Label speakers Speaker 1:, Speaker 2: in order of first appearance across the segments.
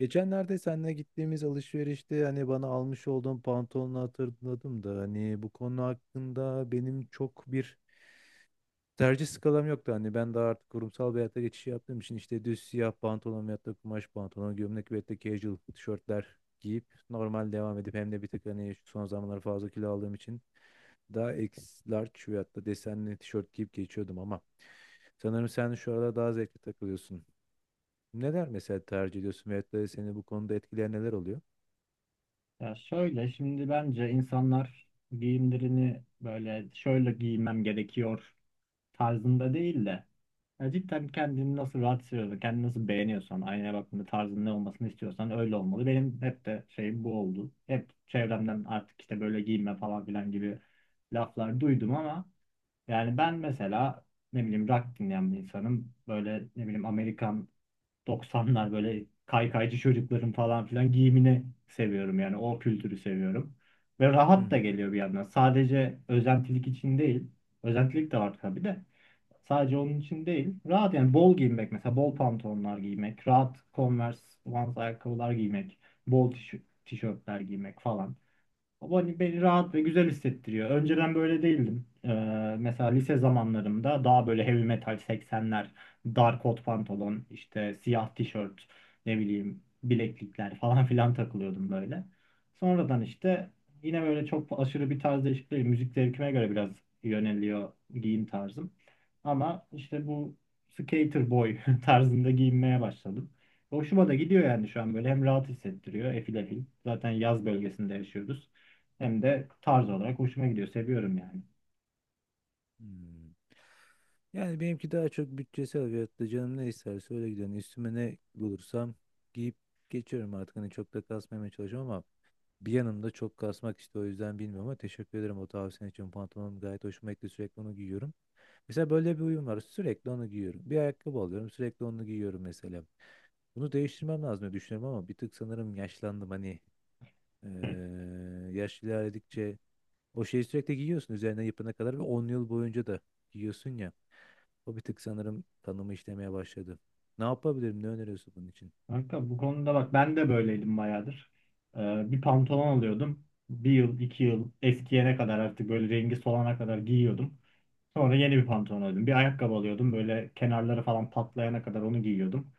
Speaker 1: Geçenlerde seninle gittiğimiz alışverişte hani bana almış olduğun pantolonu hatırladım da hani bu konu hakkında benim çok bir tercih skalam yoktu. Hani ben daha artık kurumsal bir hayata geçiş yaptığım için işte düz siyah pantolon veyahut da kumaş pantolon, gömlek veyahut da casual tişörtler giyip normal devam edip hem de bir tık hani şu son zamanlar fazla kilo aldığım için daha X large veyahut da desenli tişört giyip geçiyordum ama sanırım sen şu arada daha zevkli takılıyorsun. Neler mesela tercih ediyorsun veyahut da seni bu konuda etkileyen neler oluyor?
Speaker 2: Ya şöyle şimdi bence insanlar giyimlerini böyle şöyle giymem gerekiyor tarzında değil de ya cidden kendini nasıl rahat hissediyorsan, kendini nasıl beğeniyorsan, aynaya baktığında tarzın ne olmasını istiyorsan öyle olmalı. Benim hep de şeyim bu oldu. Hep çevremden artık işte böyle giyinme falan filan gibi laflar duydum ama yani ben mesela ne bileyim rock dinleyen bir insanım. Böyle ne bileyim Amerikan 90'lar böyle kaykaycı çocukların falan filan giyimini seviyorum yani o kültürü seviyorum. Ve
Speaker 1: Hı
Speaker 2: rahat da
Speaker 1: hı.
Speaker 2: geliyor bir yandan. Sadece özentilik için değil. Özentilik de var tabii de. Sadece onun için değil. Rahat yani bol giyinmek mesela bol pantolonlar giymek, rahat Converse, Vans ayakkabılar giymek, bol tişörtler giymek falan. O beni rahat ve güzel hissettiriyor. Önceden böyle değildim. Mesela lise zamanlarımda daha böyle heavy metal 80'ler, dar kot pantolon, işte siyah tişört, ne bileyim bileklikler falan filan takılıyordum böyle. Sonradan işte yine böyle çok aşırı bir tarz değişikliği, değil. Müzik zevkime göre biraz yöneliyor giyim tarzım. Ama işte bu skater boy tarzında giyinmeye başladım. Hoşuma da gidiyor yani şu an böyle hem rahat hissettiriyor efil efil. Zaten yaz bölgesinde yaşıyoruz. Hem de tarz olarak hoşuma gidiyor. Seviyorum yani.
Speaker 1: Hmm. Yani benimki daha çok bütçesel veyahut da canım ne isterse öyle gidiyorum. Üstüme ne bulursam giyip geçiyorum artık. Hani çok da kasmamaya çalışıyorum ama bir yanımda çok kasmak işte o yüzden bilmiyorum ama teşekkür ederim o tavsiyen için. Pantolonum gayet hoşuma gitti, sürekli onu giyiyorum. Mesela böyle bir uyum var, sürekli onu giyiyorum. Bir ayakkabı alıyorum, sürekli onu giyiyorum mesela. Bunu değiştirmem lazım diye düşünüyorum ama bir tık sanırım yaşlandım. Hani eee yaş ilerledikçe o şeyi sürekli giyiyorsun, üzerine yapana kadar ve 10 yıl boyunca da giyiyorsun ya. O bir tık sanırım kanımı işlemeye başladı. Ne yapabilirim? Ne öneriyorsun bunun için?
Speaker 2: Kanka bu konuda bak ben de böyleydim bayağıdır. Bir pantolon alıyordum. Bir yıl, iki yıl eskiyene kadar artık böyle rengi solana kadar giyiyordum. Sonra yeni bir pantolon alıyordum. Bir ayakkabı alıyordum. Böyle kenarları falan patlayana kadar onu giyiyordum.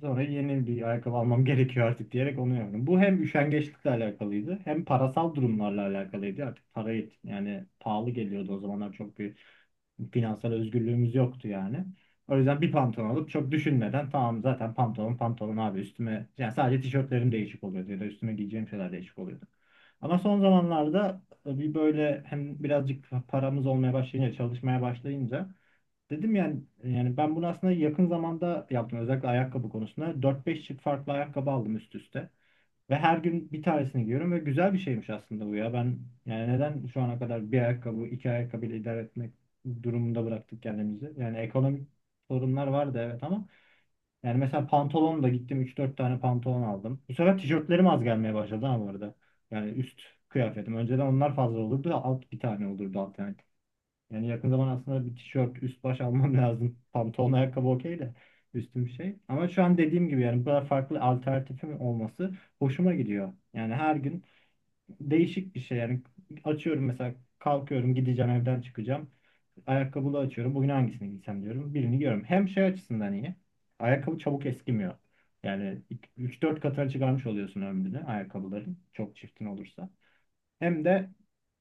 Speaker 2: Sonra yeni bir ayakkabı almam gerekiyor artık diyerek onu yaptım. Bu hem üşengeçlikle alakalıydı hem parasal durumlarla alakalıydı. Artık yani pahalı geliyordu o zamanlar çok bir finansal özgürlüğümüz yoktu yani. O yüzden bir pantolon alıp çok düşünmeden tamam zaten pantolon pantolon abi üstüme yani sadece tişörtlerim değişik oluyordu ya da üstüme giyeceğim şeyler değişik oluyordu. Ama son zamanlarda bir böyle hem birazcık paramız olmaya başlayınca çalışmaya başlayınca dedim yani ben bunu aslında yakın zamanda yaptım özellikle ayakkabı konusunda 4-5 çift farklı ayakkabı aldım üst üste. Ve her gün bir tanesini giyiyorum ve güzel bir şeymiş aslında bu ya. Ben yani neden şu ana kadar bir ayakkabı, iki ayakkabıyla idare etmek durumunda bıraktık kendimizi? Yani ekonomik sorunlar vardı evet ama yani mesela pantolon da gittim üç dört tane pantolon aldım. Bu sefer tişörtlerim az gelmeye başladı ama bu arada. Yani üst kıyafetim. Önceden onlar fazla olurdu. Alt bir tane olurdu alternatif. Yani yakın zaman aslında bir tişört, üst baş almam lazım. Pantolon, ayakkabı okey de üstüm şey. Ama şu an dediğim gibi yani bu kadar farklı alternatifim olması hoşuma gidiyor. Yani her gün değişik bir şey. Yani açıyorum mesela kalkıyorum gideceğim evden çıkacağım. Ayakkabılı açıyorum. Bugün hangisini giysem diyorum. Birini giyiyorum. Hem şey açısından iyi. Ayakkabı çabuk eskimiyor. Yani üç dört katına çıkarmış oluyorsun ömrünü ayakkabıların. Çok çiftin olursa. Hem de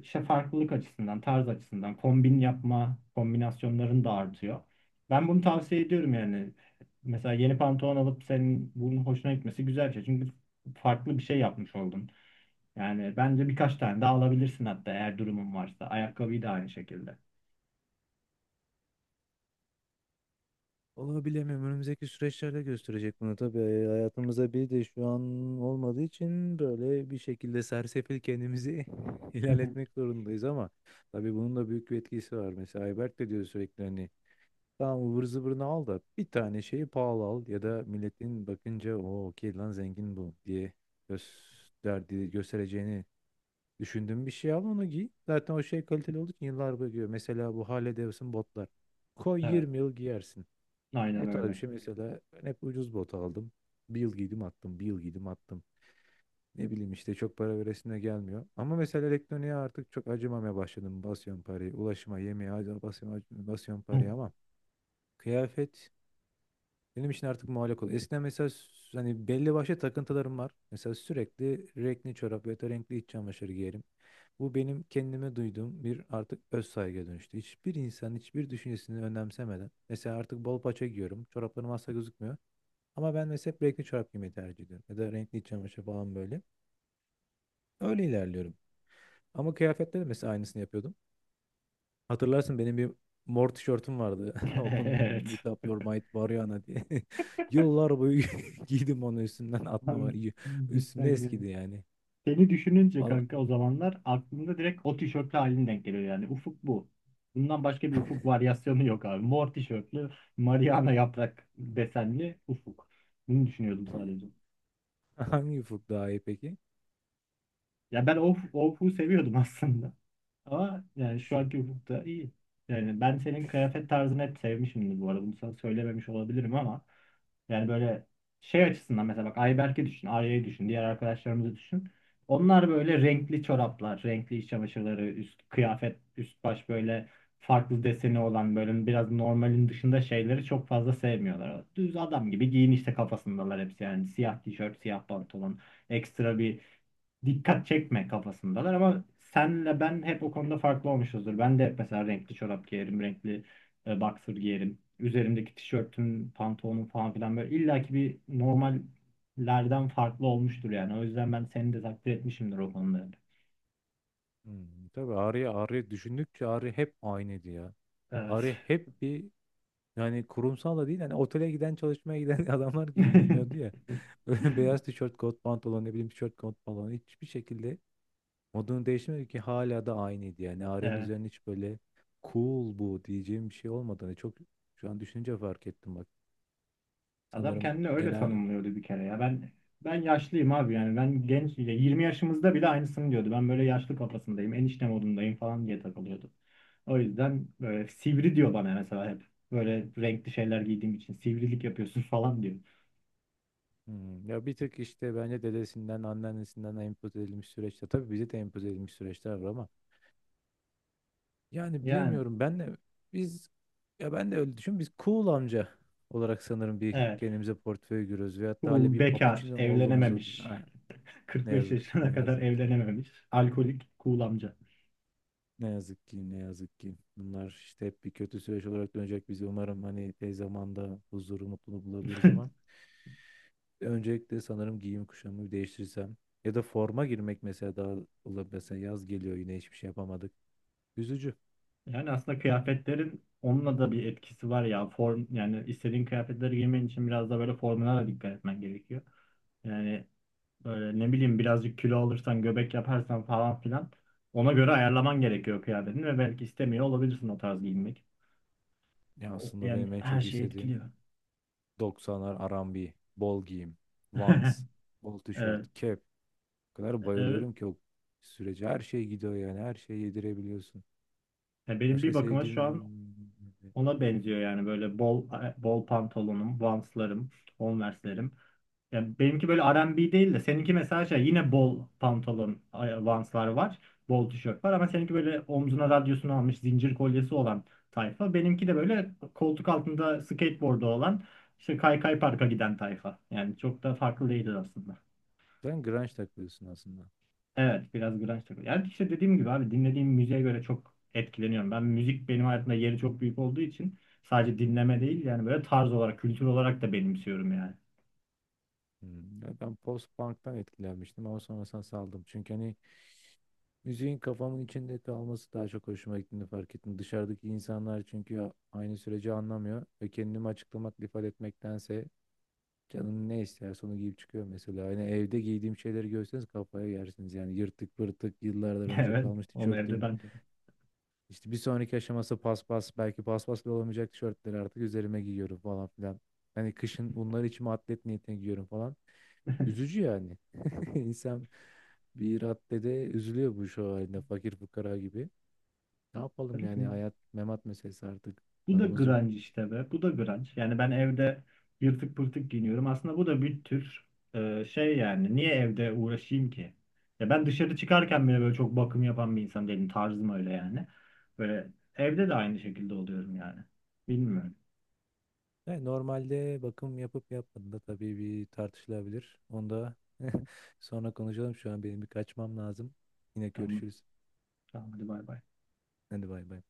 Speaker 2: işte farklılık açısından, tarz açısından kombin yapma kombinasyonların da artıyor. Ben bunu tavsiye ediyorum yani. Mesela yeni pantolon alıp senin bunun hoşuna gitmesi güzel bir şey. Çünkü farklı bir şey yapmış oldun. Yani bence birkaç tane daha alabilirsin hatta eğer durumun varsa. Ayakkabıyı da aynı şekilde.
Speaker 1: Vallahi bilemiyorum. Önümüzdeki süreçlerde gösterecek bunu tabii. E, hayatımıza bir de şu an olmadığı için böyle bir şekilde sersefil kendimizi
Speaker 2: Hı hı.
Speaker 1: ilerletmek zorundayız ama tabii bunun da büyük bir etkisi var. Mesela Ayberk de diyor sürekli, hani tamam ıvır zıvırını al da bir tane şeyi pahalı al, ya da milletin bakınca "O okey lan, zengin bu" diye gösterdi, göstereceğini düşündüğün bir şey al, onu giy. Zaten o şey kaliteli olduğu için yıllar boyu giyiyor. Mesela bu Harley Davidson botlar. Koy,
Speaker 2: Evet,
Speaker 1: 20 yıl giyersin. O
Speaker 2: aynen
Speaker 1: tarz bir
Speaker 2: öyle.
Speaker 1: şey. Mesela ben hep ucuz bot aldım. Bir yıl giydim attım, bir yıl giydim attım. Ne bileyim işte çok para veresine gelmiyor. Ama mesela elektroniğe artık çok acımamaya başladım. Basıyorum parayı, ulaşıma, yemeğe basıyorum, basıyorum parayı ama kıyafet benim için artık muallak oldu. Eskiden mesela hani belli başlı takıntılarım var. Mesela sürekli renkli çorap ya da renkli iç çamaşırı giyerim. Bu benim kendime duyduğum bir artık öz saygıya dönüştü. Hiçbir insan hiçbir düşüncesini önemsemeden. Mesela artık bol paça giyiyorum. Çoraplarım asla gözükmüyor. Ama ben mesela hep renkli çorap giymeyi tercih ediyorum. Ya da renkli iç çamaşır falan böyle. Öyle ilerliyorum. Ama kıyafetlerde mesela aynısını yapıyordum. Hatırlarsın, benim bir mor tişörtüm vardı. Open
Speaker 2: Evet.
Speaker 1: with up your might Mariana diye. Yıllar boyu giydim, onu üstümden atmama.
Speaker 2: Abi,
Speaker 1: Üstümde
Speaker 2: cidden ya.
Speaker 1: eskidi yani.
Speaker 2: Seni düşününce
Speaker 1: Vallahi,
Speaker 2: kanka o zamanlar aklımda direkt o tişörtlü halin denk geliyor yani. Ufuk bu. Bundan başka bir ufuk varyasyonu yok abi. Mor tişörtlü, Mariana yaprak desenli ufuk. Bunu düşünüyordum sadece.
Speaker 1: hangi ufuk daha iyi peki?
Speaker 2: Ya ben o ufuğu seviyordum aslında. Ama yani şu
Speaker 1: Şu, şu-
Speaker 2: anki hukukta iyi. Yani ben senin kıyafet tarzını hep sevmişimdir bu arada. Bunu sana söylememiş olabilirim ama yani böyle şey açısından mesela bak Ayberk'i düşün, Arya'yı düşün, diğer arkadaşlarımızı düşün. Onlar böyle renkli çoraplar, renkli iç çamaşırları, üst kıyafet, üst baş böyle farklı deseni olan böyle biraz normalin dışında şeyleri çok fazla sevmiyorlar. Düz adam gibi giyin işte kafasındalar hepsi yani siyah tişört, siyah pantolon, ekstra bir dikkat çekme kafasındalar ama senle ben hep o konuda farklı olmuşuzdur. Ben de hep mesela renkli çorap giyerim, renkli boxer giyerim. Üzerimdeki tişörtüm, pantolonum falan filan böyle illaki bir normallerden farklı olmuştur yani. O yüzden ben seni de takdir etmişimdir o konuda.
Speaker 1: hmm, tabii Arya, Arya düşündükçe Arya hep aynıydı ya.
Speaker 2: Evet.
Speaker 1: Arya hep bir, yani kurumsal da değil. Hani otele giden, çalışmaya giden adamlar gibi giyiniyordu ya. Böyle beyaz tişört, kot pantolon, ne bileyim tişört, kot pantolon, hiçbir şekilde modunu değiştirmedi ki, hala da aynıydı. Yani Arya'nın
Speaker 2: Evet.
Speaker 1: üzerine hiç böyle "cool bu" diyeceğim bir şey olmadığını çok şu an düşününce fark ettim bak.
Speaker 2: Adam
Speaker 1: Sanırım
Speaker 2: kendini öyle
Speaker 1: genel.
Speaker 2: tanımlıyordu bir kere ya. Ben yaşlıyım abi yani ben genç ya 20 yaşımızda bile aynısını diyordu. Ben böyle yaşlı kafasındayım, enişte modundayım falan diye takılıyordu. O yüzden böyle sivri diyor bana mesela hep. Böyle renkli şeyler giydiğim için sivrilik yapıyorsun falan diyor.
Speaker 1: Hmm, ya bir tık işte bence dedesinden, anneannesinden empoze edilmiş süreçte tabii bize de empoze edilmiş süreçler var ama yani
Speaker 2: Yani
Speaker 1: bilemiyorum. Ben de biz, ya ben de öyle düşün, biz cool amca olarak sanırım bir
Speaker 2: evet.
Speaker 1: kendimize portföy görüyoruz veyahut da hala
Speaker 2: Cool,
Speaker 1: bir
Speaker 2: bekar,
Speaker 1: papiçino olduğumuzu düşün.
Speaker 2: evlenememiş.
Speaker 1: Ha,
Speaker 2: kırk
Speaker 1: ne
Speaker 2: beş
Speaker 1: yazık ki, ne
Speaker 2: yaşına kadar
Speaker 1: yazık ki.
Speaker 2: evlenememiş. Alkolik, cool amca.
Speaker 1: Ne yazık ki, ne yazık ki. Bunlar işte hep bir kötü süreç olarak dönecek bizi. Umarım hani tez zamanda huzuru, mutluluğu bulabiliriz ama öncelikle sanırım giyim kuşamı bir değiştirsem ya da forma girmek mesela daha olabilir. Mesela yaz geliyor, yine hiçbir şey yapamadık. Üzücü.
Speaker 2: Yani aslında kıyafetlerin onunla da bir etkisi var ya. Form yani istediğin kıyafetleri giymen için biraz da böyle formuna da dikkat etmen gerekiyor. Yani böyle ne bileyim birazcık kilo alırsan, göbek yaparsan falan filan ona göre ayarlaman gerekiyor kıyafetini ve belki istemiyor olabilirsin o tarz giyinmek.
Speaker 1: Ya aslında
Speaker 2: Yani
Speaker 1: benim en
Speaker 2: her
Speaker 1: çok
Speaker 2: şeyi
Speaker 1: istediğim
Speaker 2: etkiliyor.
Speaker 1: 90'lar, arambi, bol giyim, Vans, bol
Speaker 2: Evet,
Speaker 1: tişört, kep. O kadar
Speaker 2: evet.
Speaker 1: bayılıyorum ki o sürece, her şey gidiyor yani, her şeyi yedirebiliyorsun.
Speaker 2: Ya benim bir
Speaker 1: Başka
Speaker 2: bakıma şu an
Speaker 1: sevdiğim...
Speaker 2: ona benziyor yani böyle bol bol pantolonum, vanslarım, Converse'lerim. Ya benimki böyle R&B değil de seninki mesela şey yine bol pantolon, vanslar var. Bol tişört var ama seninki böyle omzuna radyosunu almış zincir kolyesi olan tayfa. Benimki de böyle koltuk altında skateboard'u olan işte kaykay parka giden tayfa. Yani çok da farklı değiliz aslında.
Speaker 1: Sen grunge takılıyorsun aslında.
Speaker 2: Evet biraz grunge takılıyor. Yani işte dediğim gibi abi dinlediğim müziğe göre çok etkileniyorum. Ben müzik benim hayatımda yeri çok büyük olduğu için sadece dinleme değil yani böyle tarz olarak kültür olarak da benimsiyorum yani.
Speaker 1: Hmm, ya ben post-punk'tan etkilenmiştim ama sonrasında saldım. Çünkü hani müziğin kafamın içinde kalması daha çok hoşuma gittiğini fark ettim. Dışarıdaki insanlar çünkü aynı süreci anlamıyor ve kendimi açıklamak, ifade etmektense canım ne isterse onu giyip çıkıyor mesela. Hani evde giydiğim şeyleri görseniz kafaya yersiniz. Yani yırtık pırtık, yıllardan önce
Speaker 2: Evet
Speaker 1: kalmış
Speaker 2: onu evde
Speaker 1: tişörtüm.
Speaker 2: ben de.
Speaker 1: İşte bir sonraki aşaması paspas, belki paspas bile olamayacak tişörtleri artık üzerime giyiyorum falan filan. Hani kışın bunları içime atlet niyetine giyiyorum falan. Üzücü yani. İnsan bir raddede üzülüyor bu şu halinde, fakir fukara gibi. Ne yapalım, yani hayat memat meselesi artık,
Speaker 2: Bu da
Speaker 1: paramız yok.
Speaker 2: grunge işte be. Bu da grunge. Yani ben evde yırtık pırtık giyiniyorum. Aslında bu da bir tür şey yani. Niye evde uğraşayım ki? Ya ben dışarı çıkarken bile böyle çok bakım yapan bir insan değilim. Tarzım öyle yani. Böyle evde de aynı şekilde oluyorum yani. Bilmiyorum.
Speaker 1: Yani normalde bakım yapıp yapmadığında tabii bir tartışılabilir. Onu da sonra konuşalım. Şu an benim bir kaçmam lazım. Yine
Speaker 2: Tamam.
Speaker 1: görüşürüz.
Speaker 2: Tamam hadi bay bay.
Speaker 1: Hadi bay bay.